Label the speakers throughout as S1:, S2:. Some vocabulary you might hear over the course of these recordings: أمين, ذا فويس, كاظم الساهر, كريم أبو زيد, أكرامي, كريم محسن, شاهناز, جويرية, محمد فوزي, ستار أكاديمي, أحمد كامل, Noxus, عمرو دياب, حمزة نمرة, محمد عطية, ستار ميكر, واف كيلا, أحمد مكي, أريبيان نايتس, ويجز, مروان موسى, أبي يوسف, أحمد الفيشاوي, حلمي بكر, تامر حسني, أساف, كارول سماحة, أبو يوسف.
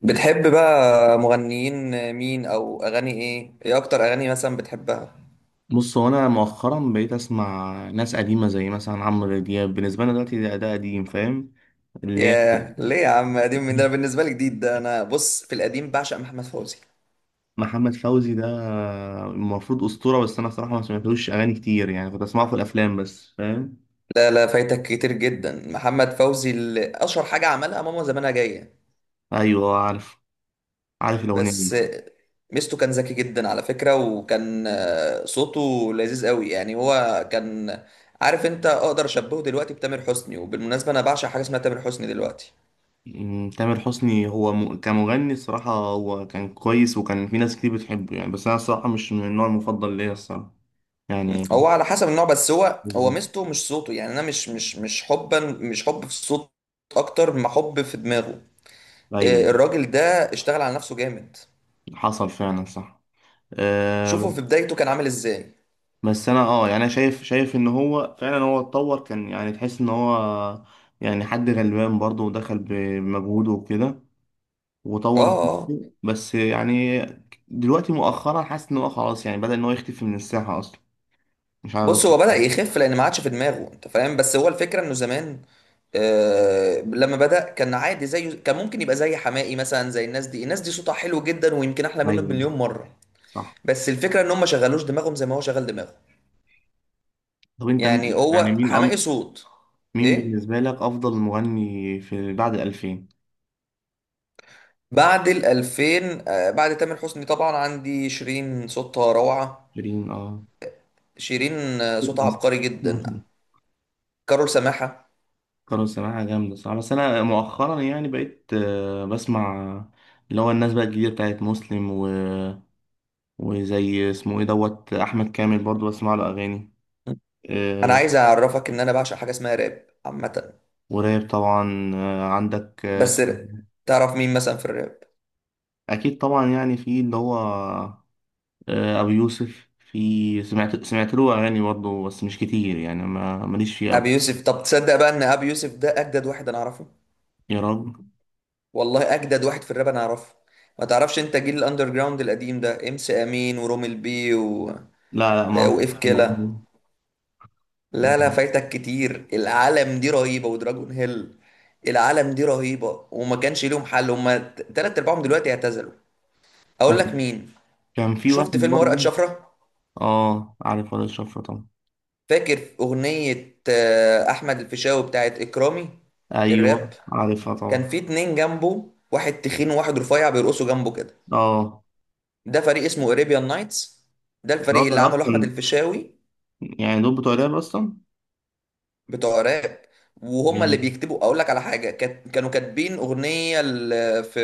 S1: بتحب بقى مغنيين مين او اغاني ايه اكتر اغاني مثلا بتحبها؟
S2: بص، هو انا مؤخرا بقيت اسمع ناس قديمه زي مثلا عمرو دياب، بالنسبه لنا دلوقتي ده قديم، فاهم؟ اللي هي
S1: ياه ليه يا عم؟ قديم من ده؟ أنا بالنسبه لي جديد ده. انا بص، في القديم بعشق محمد فوزي.
S2: محمد فوزي ده المفروض اسطوره، بس انا صراحه ما سمعتلوش اغاني كتير يعني، كنت اسمعه في الافلام بس، فاهم؟
S1: لا لا، فايتك كتير جدا. محمد فوزي اللي اشهر حاجه عملها ماما زمانها جايه
S2: ايوه عارف الاغنيه
S1: بس.
S2: دي.
S1: ميزته كان ذكي جدا على فكره، وكان صوته لذيذ قوي. يعني هو كان، عارف انت، اقدر اشبهه دلوقتي بتامر حسني. وبالمناسبه انا بعشق حاجه اسمها تامر حسني دلوقتي.
S2: تامر حسني هو كمغني الصراحه هو كان كويس، وكان في ناس كتير بتحبه يعني، بس انا الصراحه مش من النوع المفضل ليا الصراحه، يعني.
S1: هو على حسب النوع، بس هو
S2: بالظبط.
S1: ميزته مش صوته. يعني انا مش حب في الصوت اكتر ما حب في دماغه.
S2: ايوه،
S1: الراجل ده اشتغل على نفسه جامد.
S2: حصل فعلا، صح.
S1: شوفوا
S2: آه،
S1: في بدايته كان عامل ازاي.
S2: بس انا يعني انا شايف ان هو فعلا، هو اتطور، كان يعني تحس ان هو يعني حد غلبان برضه ودخل بمجهوده وكده،
S1: اه،
S2: وطور
S1: آه. آه.
S2: نفسه، بس يعني دلوقتي مؤخرا حاسس ان هو خلاص، يعني بدأ ان هو يختفي من الساحة اصلا، مش عارف ده
S1: بص،
S2: صح
S1: هو بدأ يخف لان ما عادش في دماغه، انت فاهم، بس هو الفكرة انه زمان، آه، لما بدأ كان عادي زيه. كان ممكن يبقى زي حماقي مثلا، زي الناس دي. الناس دي صوتها حلو جدا ويمكن احلى
S2: ولا.
S1: منه
S2: ايوه،
S1: بمليون مرة،
S2: صح.
S1: بس الفكرة ان هم ما شغلوش دماغهم زي ما هو شغل دماغه.
S2: طب انت
S1: يعني
S2: يعني
S1: هو حماقي صوت.
S2: مين
S1: ايه؟
S2: بالنسبة لك افضل مغني في بعد 2000؟
S1: بعد ال 2000، بعد تامر حسني طبعا عندي شيرين، صوتها روعة.
S2: شيرين، اه.
S1: شيرين، صوتها عبقري جدا.
S2: مصر.
S1: كارول سماحة.
S2: كانوا سماعة جامدة، صح، بس أنا مؤخرا يعني بقيت بسمع اللي هو الناس بقى الجديدة بتاعت مسلم وزي اسمه ايه دوت أحمد كامل، برضو بسمع له أغاني.
S1: انا
S2: آه،
S1: عايز اعرفك ان انا بعشق حاجة اسمها راب عامة.
S2: وراب طبعا، عندك،
S1: بس
S2: اسمه
S1: ر-
S2: إيه؟
S1: تعرف مين مثلا في الراب؟
S2: أكيد طبعا، يعني في اللي هو أبو يوسف، في سمعت له أغاني برضو، بس مش كتير يعني، ما ماليش فيه أوي.
S1: ابي يوسف؟ طب تصدق بقى ان ابي يوسف ده اجدد واحد انا اعرفه.
S2: يا رب.
S1: والله اجدد واحد في الراب انا اعرفه. ما تعرفش انت جيل الاندر جراوند القديم ده؟ امس امين ورومل بي
S2: لا، لا، ما
S1: واف كيلا. لا لا، فايتك كتير. العالم دي رهيبة، ودراجون هيل، العالم دي رهيبة وما كانش ليهم حل. هما تلات ارباعهم دلوقتي اعتزلوا.
S2: هو-
S1: اقول لك مين.
S2: كان في واحد
S1: شفت فيلم ورقة
S2: برضو.
S1: شفرة؟
S2: اه عارف، ولا الشفرة طبعا.
S1: فاكر اغنية احمد الفيشاوي بتاعت اكرامي،
S2: ايوه
S1: الراب؟
S2: عارفها طبعا.
S1: كان في اتنين جنبه، واحد تخين وواحد رفيع، بيرقصوا جنبه كده.
S2: اه،
S1: ده فريق اسمه اريبيان نايتس. ده الفريق اللي
S2: الراجل
S1: عمله احمد
S2: اصلا
S1: الفيشاوي.
S2: يعني دول بتوع الراب اصلا.
S1: بتوع راب. وهم اللي
S2: يعني-
S1: بيكتبوا. اقول لك على حاجه، كانوا كاتبين اغنيه في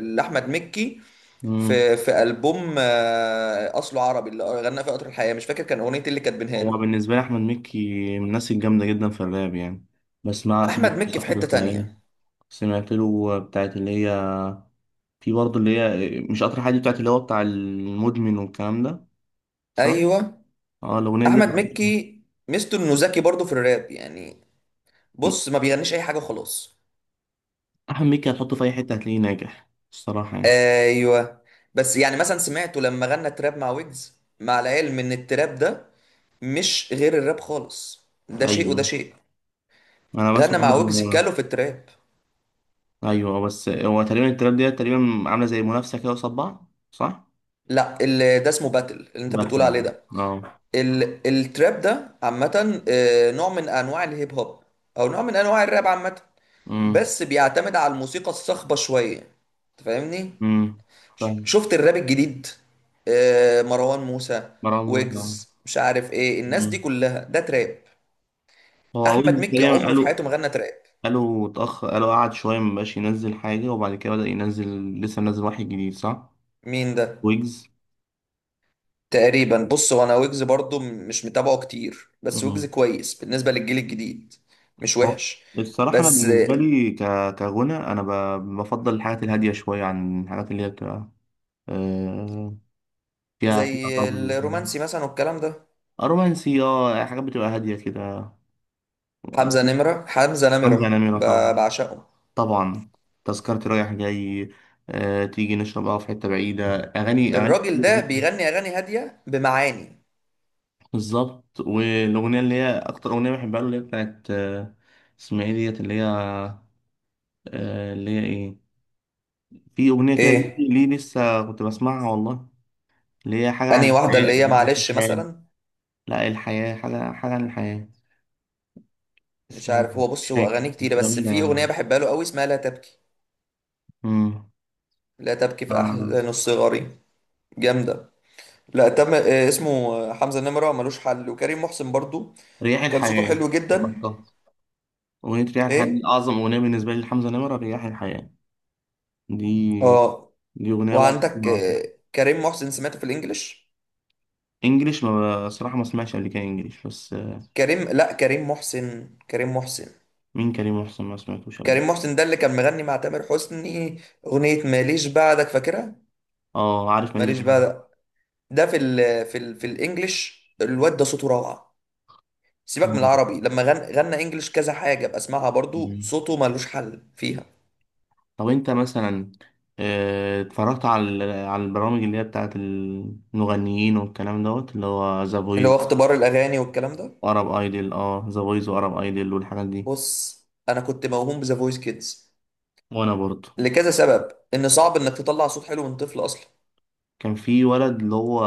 S1: لاحمد مكي،
S2: مم.
S1: في البوم اصله عربي، اللي غنى فيه قطر الحياه. مش فاكر كان اغنيه إيه اللي كاتبينها له.
S2: هو بالنسبه لي احمد مكي من الناس الجامده جدا في الراب يعني، بس ما سمعت
S1: احمد
S2: له
S1: مكي في
S2: قطر
S1: حته
S2: الحياه.
S1: تانية.
S2: سمعت له بتاعت اللي هي، في برضه اللي هي مش قطر الحياه دي، بتاعت اللي هو بتاع المدمن والكلام ده، صح؟
S1: ايوه،
S2: اه، الاغنيه دي
S1: احمد مكي ميزته انه ذكي برضه في الراب يعني. بص، ما بيغنيش اي حاجه وخلاص.
S2: احمد مكي هتحطه في اي حته هتلاقيه ناجح الصراحه يعني.
S1: ايوه. بس يعني مثلا سمعته لما غنى تراب مع ويجز، مع العلم ان التراب ده مش غير الراب خالص، ده شيء وده
S2: ايوه.
S1: شيء.
S2: انا
S1: غنى
S2: بسمع.
S1: مع ويجز كالو في التراب.
S2: ايوه، بس هو تقريبا التراب ديت تقريبا عامله زي منافسه كده قصاد بعض، صح؟
S1: لا، اللي ده اسمه باتل اللي انت بتقول
S2: باتمان.
S1: عليه ده.
S2: اه.
S1: التراب ده عامة نوع من انواع الهيب هوب، او نوع من انواع الراب عامة،
S2: امم
S1: بس بيعتمد على الموسيقى الصاخبة شوية. انت فاهمني؟
S2: امم فاهم.
S1: شفت الراب الجديد، مروان موسى،
S2: مروان موسى، آه.
S1: ويجز؟ مش عارف ايه، الناس دي
S2: أمم.
S1: كلها ده تراب.
S2: هو
S1: احمد
S2: ويجز
S1: مكي
S2: تقريبا
S1: عمره في
S2: قالوا
S1: حياته ما غنى تراب.
S2: قالوا اتأخر، قالوا قعد شويه مبقاش ينزل حاجه وبعد كده بدأ ينزل، لسه منزل واحد جديد، صح؟
S1: مين ده؟
S2: ويجز.
S1: تقريبا، بص، هو انا ويجز برضو مش متابعه كتير، بس ويجز
S2: أمم.
S1: كويس بالنسبة للجيل الجديد. مش
S2: هو
S1: وحش.
S2: الصراحه انا
S1: بس
S2: بالنسبه لي كغنى انا بفضل الحاجات الهاديه شويه عن الحاجات اللي هي بتبقى آه، فيها
S1: زي
S2: فيها طبل وكده.
S1: الرومانسي مثلا والكلام ده.
S2: رومانسي، اه، حاجات بتبقى هاديه كده.
S1: حمزة نمرة، حمزة
S2: حمزة
S1: نمرة
S2: نمرة طبعا،
S1: بعشقه.
S2: طبعا. تذكرتي رايح جاي، تيجي نشرب قهوة في حتة بعيدة، أغاني
S1: الراجل
S2: كتير
S1: ده
S2: جدا.
S1: بيغني اغاني هادية بمعاني.
S2: بالظبط. والأغنية اللي هي أكتر أغنية بحبها له اللي هي بتاعت اسمها إيه ديت اللي هي اللي هي إيه، في أغنية كده، ليه
S1: ايه
S2: ليه لسه كنت بسمعها والله، اللي هي حاجة عن
S1: انهي واحدة
S2: الحياة.
S1: اللي هي، معلش،
S2: الحياة.
S1: مثلا؟
S2: لا، الحياة، حاجة عن الحياة،
S1: مش
S2: اسمها.
S1: عارف. هو،
S2: مش
S1: بص، هو
S2: فاكر
S1: اغاني كتيرة،
S2: بس
S1: بس
S2: جميلة
S1: في اغنية
S2: يعني.
S1: بحبها له قوي، اسمها لا تبكي.
S2: امم.
S1: لا تبكي في
S2: آه،
S1: احزان الصغار. جامدة. لا تم إيه اسمه آه، حمزة نمرة ملوش حل. وكريم محسن برضو
S2: رياح
S1: كان صوته
S2: الحياة،
S1: حلو جدا.
S2: افتكرتها. أغنية رياح الحياة دي
S1: ايه؟
S2: أعظم أغنية بالنسبة لي لحمزة نمرة. رياح الحياة دي
S1: اه.
S2: دي أغنية بقعد
S1: وعندك
S2: أسمعها على طول.
S1: كريم محسن، سمعته في الانجليش؟
S2: إنجليش، ما صراحة ما سمعتش قبل كده إنجليش، بس
S1: كريم لا كريم محسن، كريم محسن
S2: مين كريم محسن؟ ما سمعتوش قبل كده.
S1: كريم محسن ده اللي كان مغني مع تامر حسني، اغنية ماليش بعدك، فاكرها؟
S2: أه عارف، ماليش
S1: ماليش
S2: بعمل.
S1: بعدك. ده في ال في ال في الانجليش الواد ده صوته روعة. سيبك من العربي، لما غنى انجليش كذا حاجة بسمعها برضو،
S2: مم.
S1: صوته ملوش حل فيها.
S2: طب أنت مثلا اتفرجت على البرامج اللي هي بتاعت المغنيين والكلام دوت، اللي هو ذا
S1: اللي
S2: فويس
S1: هو اختبار الاغاني والكلام ده.
S2: وأرب أيدل. أه، ذا فويس وأرب أيدل والحاجات دي.
S1: بص، انا كنت موهوم بذا فويس كيدز
S2: وأنا برضه.
S1: لكذا سبب. ان صعب انك تطلع صوت حلو من طفل اصلا.
S2: كان في ولد اللي هو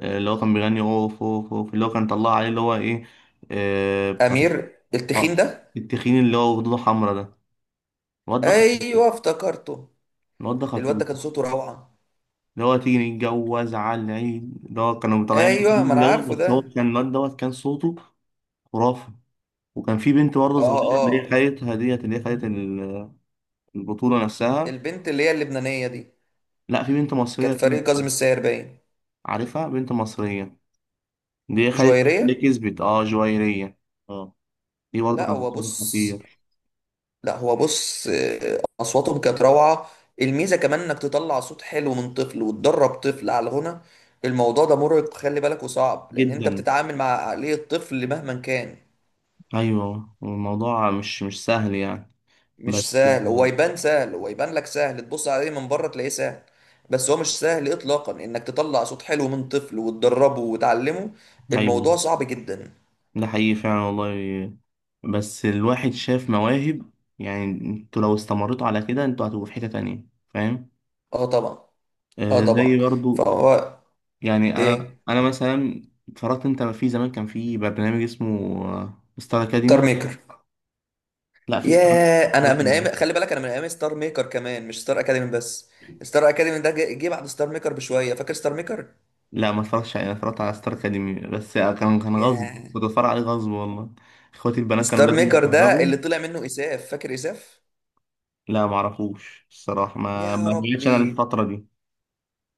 S2: اللي هو كان بيغني اوف اوف اوف، اللي هو كان طلع عليه اللي هو ايه، بتاع،
S1: امير التخين
S2: اه
S1: ده؟
S2: التخين اللي هو خدوده حمرا ده. الواد ده خطير.
S1: ايوه، افتكرته.
S2: الواد ده
S1: الواد
S2: خطير.
S1: ده كان صوته روعه.
S2: اللي هو تيجي نتجوز على العيد، اللي هو كانوا مطلعين
S1: ايوه، ما انا عارفه
S2: دوت، بس هو
S1: ده.
S2: كان الواد دوت كان صوته خرافي. وكان في بنت برضه
S1: اه.
S2: صغيرة اللي هي
S1: اه.
S2: خدتها ديت، اللي هي خدت البطولة نفسها.
S1: البنت اللي هي اللبنانيه دي
S2: لا، في بنت مصرية
S1: كانت
S2: كانت،
S1: فريق كاظم الساهر، باين.
S2: عارفها، بنت مصرية دي خدت، اللي
S1: جويريه.
S2: كسبت اه جويرية. اه، دي برضه
S1: لا،
S2: كانت
S1: هو،
S2: صوتها
S1: بص،
S2: خطير
S1: لا، هو، بص، اصواتهم كانت روعه. الميزه كمان انك تطلع صوت حلو من طفل، وتدرب طفل على الغنى. الموضوع ده مرهق، خلي بالك، وصعب، لان انت
S2: جدا.
S1: بتتعامل مع عقليه طفل مهما كان.
S2: ايوه، الموضوع مش سهل يعني.
S1: مش
S2: بس
S1: سهل. هو يبان سهل، هو يبان لك سهل، تبص عليه من بره تلاقيه سهل، بس هو مش سهل اطلاقا انك تطلع صوت حلو من طفل وتدربه وتعلمه. الموضوع
S2: ايوه،
S1: صعب جدا.
S2: ده حقيقي فعلا والله. بس الواحد شاف مواهب. يعني انتوا لو استمرتوا على كده انتوا هتبقوا في حتة تانية، فاهم؟
S1: اه طبعا. اه طبعا
S2: زي برضو.
S1: فهو.
S2: يعني انا
S1: ايه؟
S2: انا مثلا اتفرجت انت في زمان كان في برنامج اسمه ستار
S1: ستار
S2: اكاديمي.
S1: ميكر.
S2: لا، في ستار.
S1: ياه، انا من ايام، خلي بالك، انا من ايام ستار ميكر كمان، مش ستار اكاديمي بس. ستار اكاديمي ده جه بعد ستار ميكر بشويه، فاكر ستار ميكر.
S2: لا، ما اتفرجتش عليه. انا اتفرجت على ستار اكاديمي، بس كان غصب،
S1: ياه.
S2: كنت اتفرج عليه غصب والله. اخواتي البنات كانوا
S1: ستار
S2: لازم
S1: ميكر ده
S2: يتفرجوا.
S1: اللي طلع منه اساف، فاكر اساف؟
S2: لا، معرفوش الصراحة، ما
S1: يا
S2: ما جيتش أنا
S1: ربي.
S2: الفترة دي.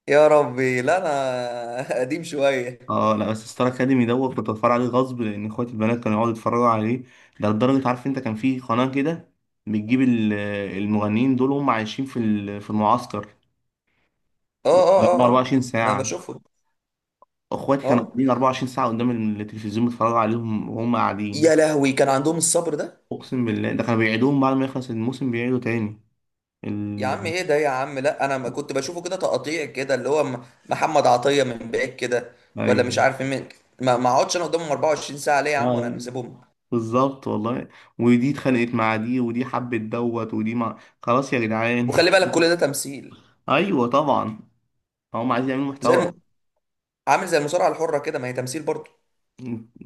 S1: يا ربي، لا انا قديم شويه.
S2: اه، لا بس ستار اكاديمي دوت كنت بتفرج عليه غصب لان اخواتي البنات كانوا يقعدوا يتفرجوا عليه. ده لدرجه، عارف انت، كان في قناه كده بتجيب المغنيين دول وهم عايشين في المعسكر
S1: اه اه
S2: بقالهم
S1: اه اه.
S2: 24
S1: ما
S2: ساعه.
S1: بشوفه.
S2: اخواتي كانوا
S1: اه.
S2: قاعدين 24 ساعه قدام التلفزيون بيتفرجوا عليهم وهم قاعدين.
S1: يا لهوي، كان عندهم الصبر ده؟
S2: اقسم بالله، ده كانوا بيعيدوهم بعد ما يخلص الموسم بيعيدوا تاني
S1: يا عم،
S2: ال...
S1: ايه ده يا عم؟ لا انا ما كنت بشوفه كده، تقطيع كده، اللي هو محمد عطيه من بعيد كده، ولا
S2: ايوه.
S1: مش عارف مين. ما اقعدش انا قدامهم 24 ساعه ليه يا
S2: لا،
S1: عم، وانا
S2: لا،
S1: نسيبهم.
S2: بالظبط والله. ودي اتخانقت مع دي، ودي حبت دوت، ودي مع، خلاص يا جدعان.
S1: وخلي بالك كل ده تمثيل.
S2: ايوه طبعا، هم عايزين يعملوا
S1: زي الم...
S2: محتوى.
S1: عامل زي المصارعه الحره كده، ما هي تمثيل برضه.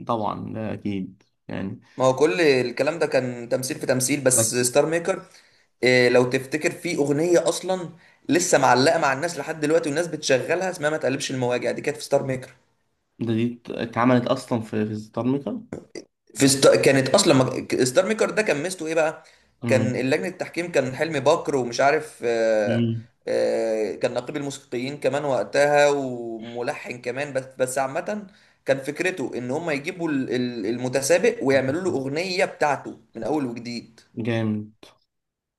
S2: طبعا ده اكيد يعني.
S1: ما هو كل الكلام ده كان تمثيل في تمثيل، بس
S2: بس
S1: ستار ميكر، إيه لو تفتكر، في اغنيه اصلا لسه معلقه مع الناس لحد دلوقتي، والناس بتشغلها، اسمها ما تقلبش المواجع، دي كانت في ستار ميكر.
S2: دي اتعملت اصلا في ستار ميكر.
S1: في ست... كانت اصلا ما... ستار ميكر ده كان ميزته ايه بقى؟ كان
S2: امم
S1: اللجنه التحكيم، كان حلمي بكر، ومش عارف
S2: أمم.
S1: كان نقيب الموسيقيين كمان وقتها، وملحن كمان بس، بس عامه، كان فكرته ان هم يجيبوا المتسابق ويعملوا له اغنيه بتاعته من اول وجديد،
S2: جامد.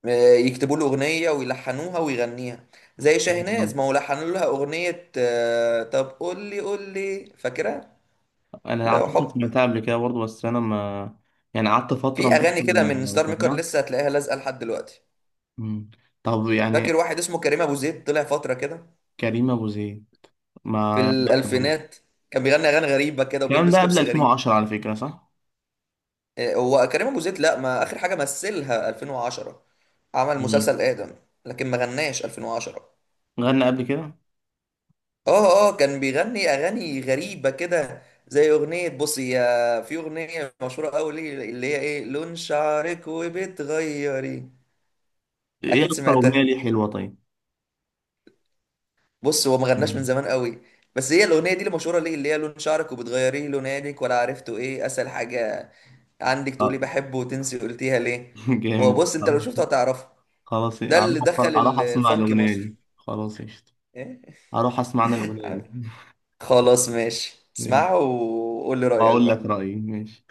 S1: يكتبوا له اغنيه ويلحنوها ويغنيها. زي شاهناز، ما هو لحنوا لها اغنيه طب قول لي، قول لي، فاكرها؟
S2: انا
S1: لو
S2: اعتقد
S1: حب.
S2: سمعتها قبل كده برضه، بس انا ما يعني قعدت فتره
S1: في اغاني كده من
S2: مبطل
S1: ستار ميكر
S2: سماع.
S1: لسه هتلاقيها لازقه لحد دلوقتي.
S2: أمم. طب يعني
S1: فاكر واحد اسمه كريم ابو زيد طلع فتره كده
S2: كريم ابو زيد،
S1: في
S2: ما ما-
S1: الالفينات، كان بيغني اغاني غريبه كده
S2: الكلام ده
S1: وبيلبس
S2: قبل
S1: لبس غريب؟
S2: 2010 على فكره، صح؟
S1: هو كريم ابو زيد، لا، ما اخر حاجه مثلها 2010، عمل
S2: مم.
S1: مسلسل ادم، لكن ما غناش 2010.
S2: غنى قبل كده.
S1: اه، اه، كان بيغني اغاني غريبه كده، زي اغنيه بصي يا، في اغنيه مشهوره قوي ليه، اللي هي ايه، لون شعرك وبتغيري.
S2: ايه
S1: اكيد
S2: اكتر اغنيه
S1: سمعتها.
S2: ليه حلوه؟ طيب.
S1: بص، هو ما غناش
S2: مم.
S1: من زمان قوي، بس هي الاغنيه دي اللي مشهوره ليه، اللي هي لون شعرك وبتغيريه لونك ولا عرفته، ايه اسهل حاجه عندك، تقولي
S2: اه.
S1: بحبه، وتنسي قلتيها ليه. هو
S2: جامد،
S1: بص، انت لو
S2: آه.
S1: شفته هتعرفه.
S2: خلاص،
S1: ده
S2: إيه،
S1: اللي دخل
S2: اروح اسمع
S1: الفانك
S2: الاغنيه
S1: مصر.
S2: دي. خلاص قشطه.
S1: إيه؟
S2: اروح اسمع انا الاغنيه دي.
S1: خلاص ماشي،
S2: ماشي.
S1: اسمعها وقول لي رايك
S2: واقول لك
S1: بقى.
S2: رايي. ماشي.